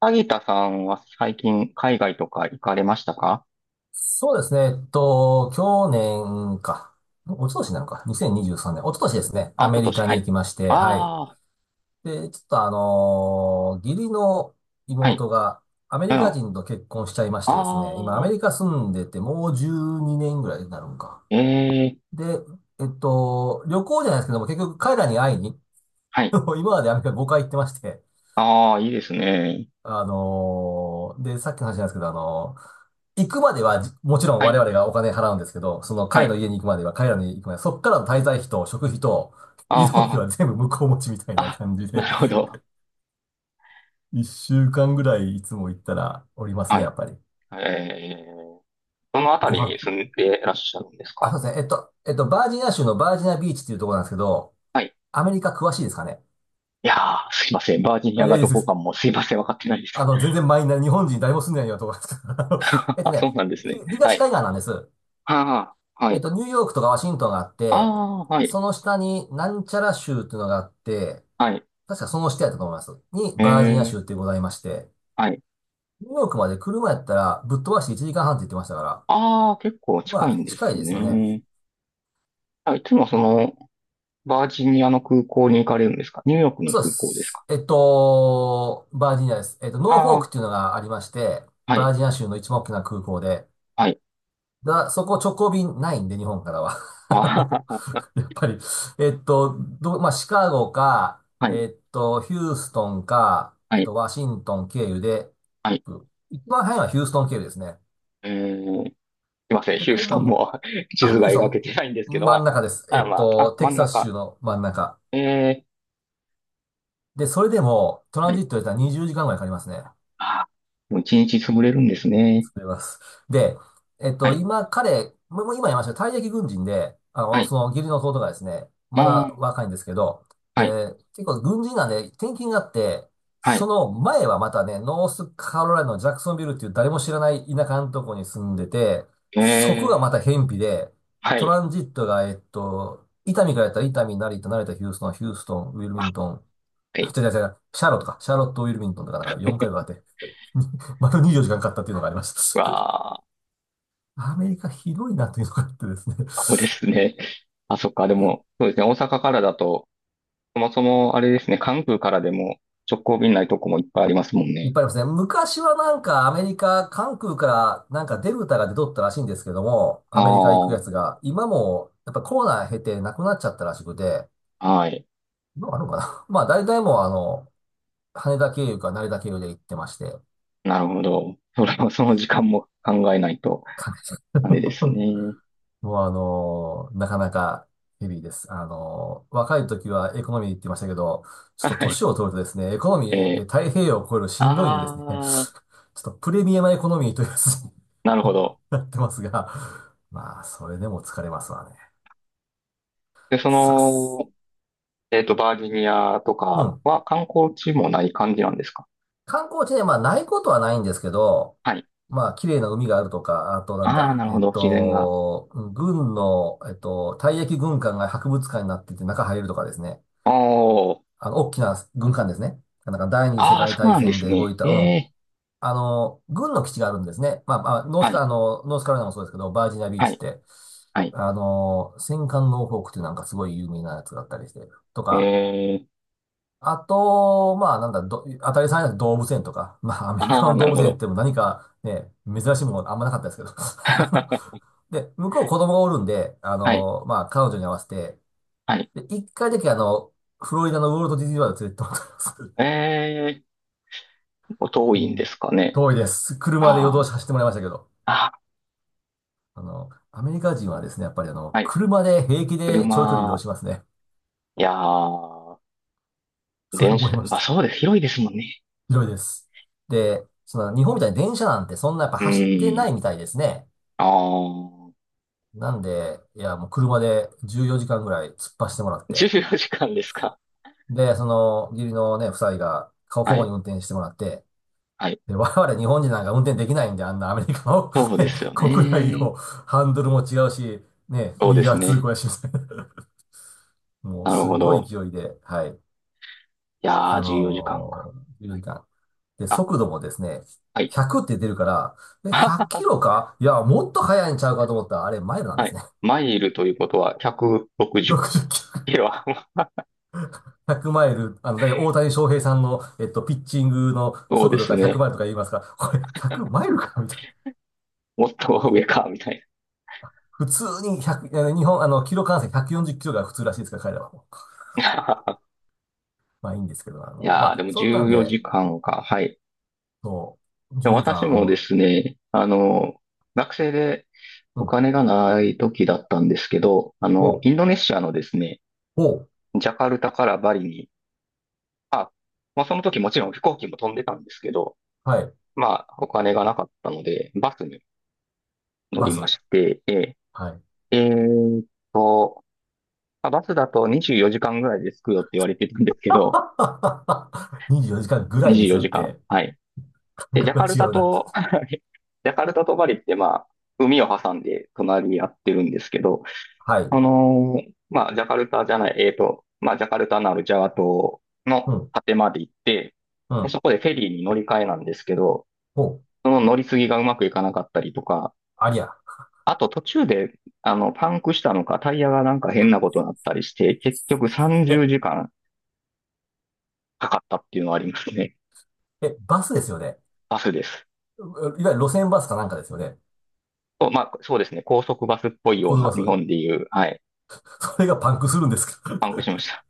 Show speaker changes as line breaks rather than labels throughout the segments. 萩田さんは最近海外とか行かれましたか？
そうですね。去年か。おととしなのか。2023年。おととしですね。
あ、一
ア
昨
メリ
年、
カ
は
に行
い。
きまして、はい。
ああ、
で、ちょっと義理の
はい。
妹がアメ
うん。
リカ
あ
人と結婚しちゃいましてですね。今ア
あ、
メリカ住んでてもう12年ぐらいになるんか。
ええ、
で、旅行じゃないですけども、結局彼らに会いに、
は い。
今までアメリカ5回行ってまして、
ああ、いいですね。
で、さっきの話なんですけど、行くまでは、もちろん
は
我
い、
々がお金払うんですけど、その
は
彼の
い。
家に行くまでは、彼らの家に行くまでは、そっからの滞在費と食費と
あ
移動費
あ、
は全部向こう持ちみたいな
あ、
感じで、
なるほど。
一週間ぐらいいつも行ったらおります
は
ね、や
い。
っぱり。
ええ、どのあたり
5
に
泊。
住んでらっしゃるんです
あ、
か？
そうですね。バージニア州のバージニアビーチっていうところなんですけど、
はい。
アメリカ詳しいですか？ね
いやー、すいません。バージニ
あ、
ア
いや、い
がど
いで
こか
す。
もすいません。わかってないで
あ
す。
の、全然マイナー、日本人誰も住んでないようなところなんですけど、あの
あ、そうなんですね。は
東
い。
海岸なんです。
はあ、はい。
ニューヨークとかワシントンがあっ
あ
て、
あ、はい。
その下になんちゃら州っていうのがあって、
はい。
確かその下やったと思います。に、
え
バージニア
え、
州ってございまして、
はい。
ニューヨークまで車やったらぶっ飛ばして1時間半って言ってましたから、
ああ、結構
ま
近い
あ、
んです
近いですよね。
ね。あ、いつもその、バージニアの空港に行かれるんですか？ニューヨークの
そうで
空港です
す。
か？
バージニアです。ノーフ
あ
ォー
あ
ク
ー、
っていうのがありまして、
は
バ
い、
ージニア州の一番大きな空港で、
はい、
だ、そこ直行便ないんで、日本からは。あ
あー
やっぱり、まあ、シカゴか、
はい、
ヒューストンか、
は
あ
い、
とワシントン経由で、
はい。
一番早いのはヒューストン経由ですね。
すいません、
で、
ヒュー
こ
ス
んば
トン
んは。
も 地
あ、
図
ヒュ
が
ースト
描け
ン、
てないんですけど、
真ん
ま
中です。
あ、
え
あ、
っ
まあ、
と、
あ、
テ
真
キ
ん
サス州
中。
の真ん中。
え
で、それでも、ト
ー、
ラ
は
ン
い、
ジットで言ったら20時間ぐらいかかりますね。
あーもう一日潰れるんですね。
あります。で、
はい、
今、もう今言いました、退役軍人で、あ
は
の、
い、
その義理の弟がですね、
あ
まだ
ー
若いんですけど、
はい、
で、結構軍人なんで転勤があって、
は
そ
い、
の前はまたね、ノースカロライナのジャクソンビルっていう誰も知らない田舎のとこに住んでて、
え
そこがま
ー、
た偏僻で、
は
ト
い、
ランジットが、伊丹からやったら伊丹、成田、成田、ヒューストン、ヒューストン、ウィル
あ、
ミントン、
はい、
違う違う違う、シャーロットか、シャーロット、ウィルミントンとかなんか4回分あって、丸24時間かんかかったっていうのがありま
う
す。
わあ、
アメリカひどいなというのがあってですね。
そうで すね。あ、そっか、でも、そうですね、大阪からだと、そもそも、あれですね、関空からでも直行便ないとこもいっぱいありますもん
いっ
ね。
ぱいありますね。昔はなんかアメリカ、関空からなんかデルタが出とったらしいんですけども、ア
あ
メリカ行くやつ
あ、
が、今もやっぱコロナ経てなくなっちゃったらしくて、
はい。
今あるのかな？ まあ大体もう羽田経由か成田経由で行ってまして、
なるほど。それは、その時間も考えないと、
関係者
あれです ね。
もうなかなかヘビーです。若い時はエコノミーって言ってましたけど、ちょっと
は
年
い。
を取るとですね、エコノミーで
え
太平洋を越える
ー、
しんどいんでですね、ち
ああ、
ょっとプレミアムエコノミーというやつに
なるほ ど。
なってますが、まあ、それでも疲れますわね。
で、そ
さっす。
の、バージニアと
う
か
ん。
は観光地もない感じなんですか？
観光地ね、まあ、ないことはないんですけど、
はい。
まあ、綺麗な海があるとか、あとなん
ああ、
だ、
なるほど。自然が。
うん軍の、退役軍艦が博物館になってて中入るとかですね。
おー。
あの、大きな軍艦ですね。なんか第二次世
ああ、
界
そう
大
なんで
戦
す
で動
ね。
いた、
え
うん。
え、
あの、軍の基地があるんですね。まあ、まあ、ノース
は
カ、
い、
あの、ノースカロライナもそうですけど、バージニアビー
は
チっ
い、
て、
はい。
あの、戦艦ノーフォークっていうなんかすごい有名なやつがあったりして、と
え
か、
え、
あと、まあ、なんだ、ど、当たり前なん動物園とか、まあ、アメリカ
ああ、
の
な
動
るほ
物園っ
ど。
ても何かね、珍しいものあんまなかったですけど。あの
は
で、向こう子供がおるんで、あ
い、
の、まあ、彼女に合わせて、
はい。
で、一回だけあの、フロリダのウォルト・ディズニーワールド連れてってもらったんです。
ええ結構遠
う
いんで
ん、
すかね。
遠いです。車で夜
あ
通し走ってもらいましたけど。
あ、あ
あの、アメリカ人はですね、やっぱりあ
あ、
の、
はい。
車で平気で長距離移動
車、
しますね。
いやー、
それ
電
思い
車、
まし
まあ
た。
そうです。広いですもんね。
広いです。で、その日本みたいに電車なんてそんなやっぱ
う
走ってな
ん。
いみたいですね。
ああ、
なんで、いや、もう車で14時間ぐらい突っ走ってもらって。
14時間ですか？
で、その、義理のね、夫妻が顔
は
交互
い。
に運転してもらって。
はい。
で、我々日本人なんか運転できないんで、あんなアメリカの
そうで
ね
すよ
国内
ね。
をハンドルも違うし、ね、
そう
右
です
側通
ね。
行やしみたいなもう
なる
す
ほ
んごい
ど。
勢いで、はい。
いや
あ
ー、14時間かんか。
の10時間。で、
あ、
速度もですね、
はい。
100って出るから、え、100キ ロかいや、もっと速いんちゃうかと思ったら、あれ、マイルなんで
は
す
い。
ね。
マイルということは160 キ
60キ
ロ。
ロ、100マイル。あの、だいたい大谷翔平さんの、ピッチングの
そう
速
で
度
す
が100
ね。
マイルとか言いますから、これ、100マイルかみたいな。
もっと上か、みたい
普通に100、あの日本、あの、キロ換算140キロが普通らしいですから、彼らは。
な。
まあいいんですけど、あ
い
の、ま
やー、で
あ、
も
そんなん
14
で、
時間かんか。はい。
そう、
で
10
も
時
私
間、
もで
も
すね、あの、学生で
う、
お
うん、
金がない時だったんですけど、
5、
インドネシアのですね、
5、
ジャカルタからバリに、あ、まあその時もちろん飛行機も飛んでたんですけど、
はい、
まあお金がなかったので、バスに乗
バ
りま
ス。
して、
はい。
ーえーっと、まあバスだと24時間ぐらいで着くよって言われてたんですけど、
24時間ぐらい
24
ですよっ
時間。
て、
はい。
感
で、ジャ
覚
カ
が
ルタ
違うな。
と、ジャカルタとバリってまあ、海を挟んで隣り合ってるんですけど、
はい。
まあ、ジャカルタじゃない、まあ、ジャカルタのあるジャワ島の
うん。
果てまで行って、
う
で、
ん。
そこでフェリーに乗り換えなんですけど、
お、
その乗り継ぎがうまくいかなかったりとか、
ありゃ。
あと途中で、パンクしたのか、タイヤがなんか変なことになったりして、結局30
え、
時間かんかかったっていうのはありますね。
え、バスですよね。
バスです。
いわゆる路線バスかなんかですよね。
そうまあ、そうですね。高速バスっぽいよ
高
う
速
な、
バ
日
ス。
本でいう、はい、
それがパンクするんですか？
パンクしました。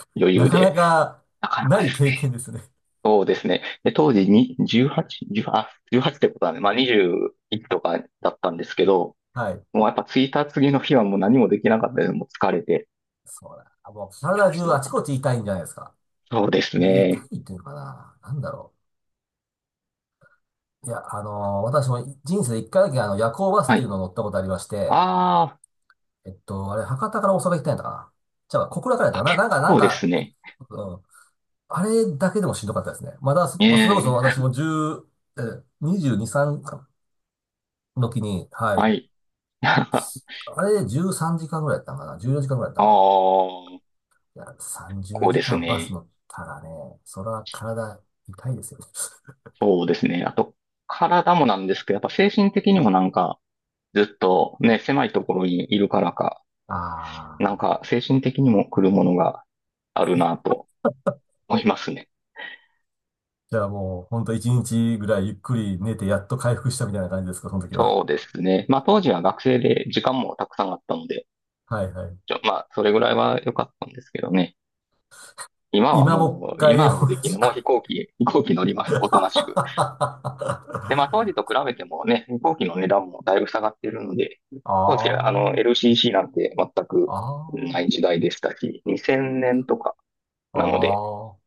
余
な
裕
かな
で。
か
なかな
な
かで
い
すね。
経験ですね。
そうですね。で、当時に18、18、あ、1ってことだねまあ21とかだったんですけど、
はい。
もうやっぱ着いた次の日はもう何もできなかったです。もう疲れて。
そうだ。もう
いや、
体
しん
中
ど
あち
かっ
こ
た。
ち痛いんじゃないですか。
そうです
痛
ね。
いっていうのかな。なんだろう。いや、私も人生で一回だけあの夜行バス
は
っていう
い。
のを乗ったことありまして、
あー、
えっと、あれ、博多から大阪行ったんやったかな。じゃあ、小倉からやっ
あ、
たかな。
結
なんか、なん
構です
か、
ね。
うん、あれだけでもしんどかったですね。まだそ、まあ、それこそ
ええ
私も10、え、22、3の時に、は
は
い。
い。あ
あれで13時間ぐらいやったんかな。14時間ぐらいやった
あ
かな。いや、30
こう
時
です
間バス
ね。
乗ったらね、それは体痛いですよね。
そうですね。あと、体もなんですけど、やっぱ精神的にもなんか、ずっとね、狭いところにいるからか、
あ
なん
あ。
か精神的にも来るものがあるなと。思いますね。
じゃあもう、ほんと1日ぐらいゆっくり寝てやっと回復したみたいな感じですか、その時は。
そうですね。まあ当時は学生で時間もたくさんあったので、
はいはい。
まあそれぐらいは良かったんですけどね。今は
今もう一
もう、今
回同
はもうできな
じ
い。もう飛
く
行機、飛行機乗りま す。おとなしく。
あ
で、まあ当時と比べてもね、飛行機の値段もだいぶ下がってるので、当時はあの
あ、
LCC なんて全く
あ
ない時代でしたし、2000年とか
あ、
なので、
ああ。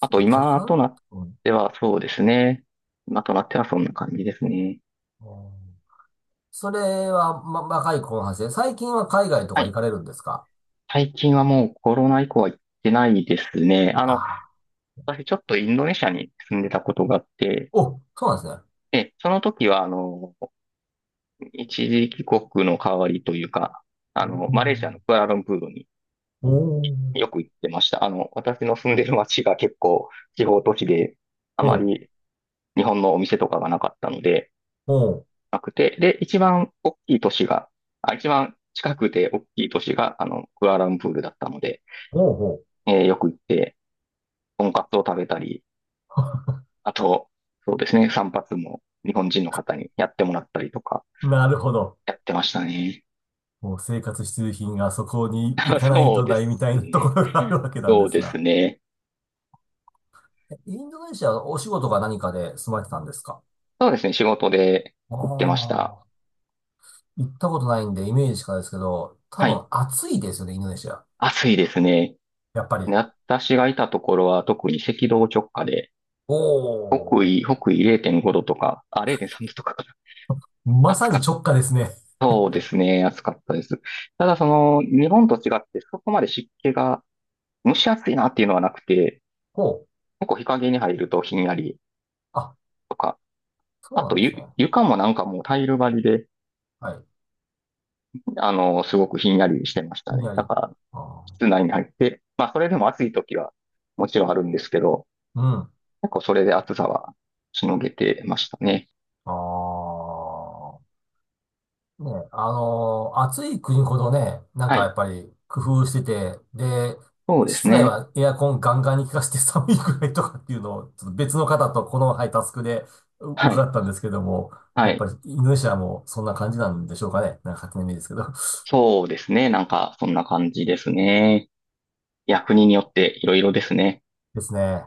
あと
っか、若
今と
干、
なっ
うん、
てはそうですね。今となってはそんな感じですね。
うんそれは、ま、若い子の話で、最近は海外と
は
か行
い。
かれるんですか？
最近はもうコロナ以降は行ってないですね。
ああ、
私ちょっとインドネシアに住んでたことがあって、
お、そうなんですね。
で、その時は、一時帰国の代わりというか、マレーシアのクアラルンプールに
おー
よく行ってました。私の住んでる街が結構地方都市で、あ
お
ま
ー、おー、
り日本のお店とかがなかったので、
おー、
なくて、で、一番大きい都市が、あ、一番近くて大きい都市が、クアラルンプールだったので、
おお
よく行って、とんかつを食べたり、あと、そうですね、散髪も日本人の方にやってもらったりとか、
ーなるほど。
やってましたね。
もう生活必需品がそこに行 かない
そう
と
で
ないみ
す
たいなとこ
ね。
ろがあるわけなんで
そう
す
です
な。
ね。
えインドネシアはお仕事か何かで住まれてたんですか？
そうですね、仕事で
あ
行ってました。
あー行ったことないんで、イメージしかないですけど、多
はい。
分暑いですよね、インドネシア。
暑いですね。
やっぱ
で
り。
私がいたところは特に赤道直下で、
お
北
ー。
緯、北緯0.5度とか、あ、0.3度とかかな。
ま
暑
さ
かっ
に
た。
直下ですね。
そうですね、暑かったです。ただその、日本と違ってそこまで湿気が蒸し暑いなっていうのはなくて、
ほう。
結構日陰に入るとひんやり、
あ、
とか
そう
あ
な
と、
んですね。
床もなんかもうタイル張りで、
はい。
すごくひんやりしてまし
ひ
た
ん
ね。
や
だ
り。
から、
あ
室内に入って、まあ、それでも暑い時はもちろんあるんですけど、
ーうん。
結構それで暑さはしのげてましたね。
あーね、暑い国ほどね、なん
は
かや
い。
っぱり工夫してて、で、
そうです
室内
ね。
はエアコンガンガンに効かして寒いくらいとかっていうのを、ちょっと別の方とこの、はい、タスクで
はい。
伺ったんですけども、
は
やっぱ
い。
りインドネシアもそんな感じなんでしょうかね。なんか勝手なイメージですけど。
そうですね。なんか、そんな感じですね。いや、国によっていろいろですね。
ですね。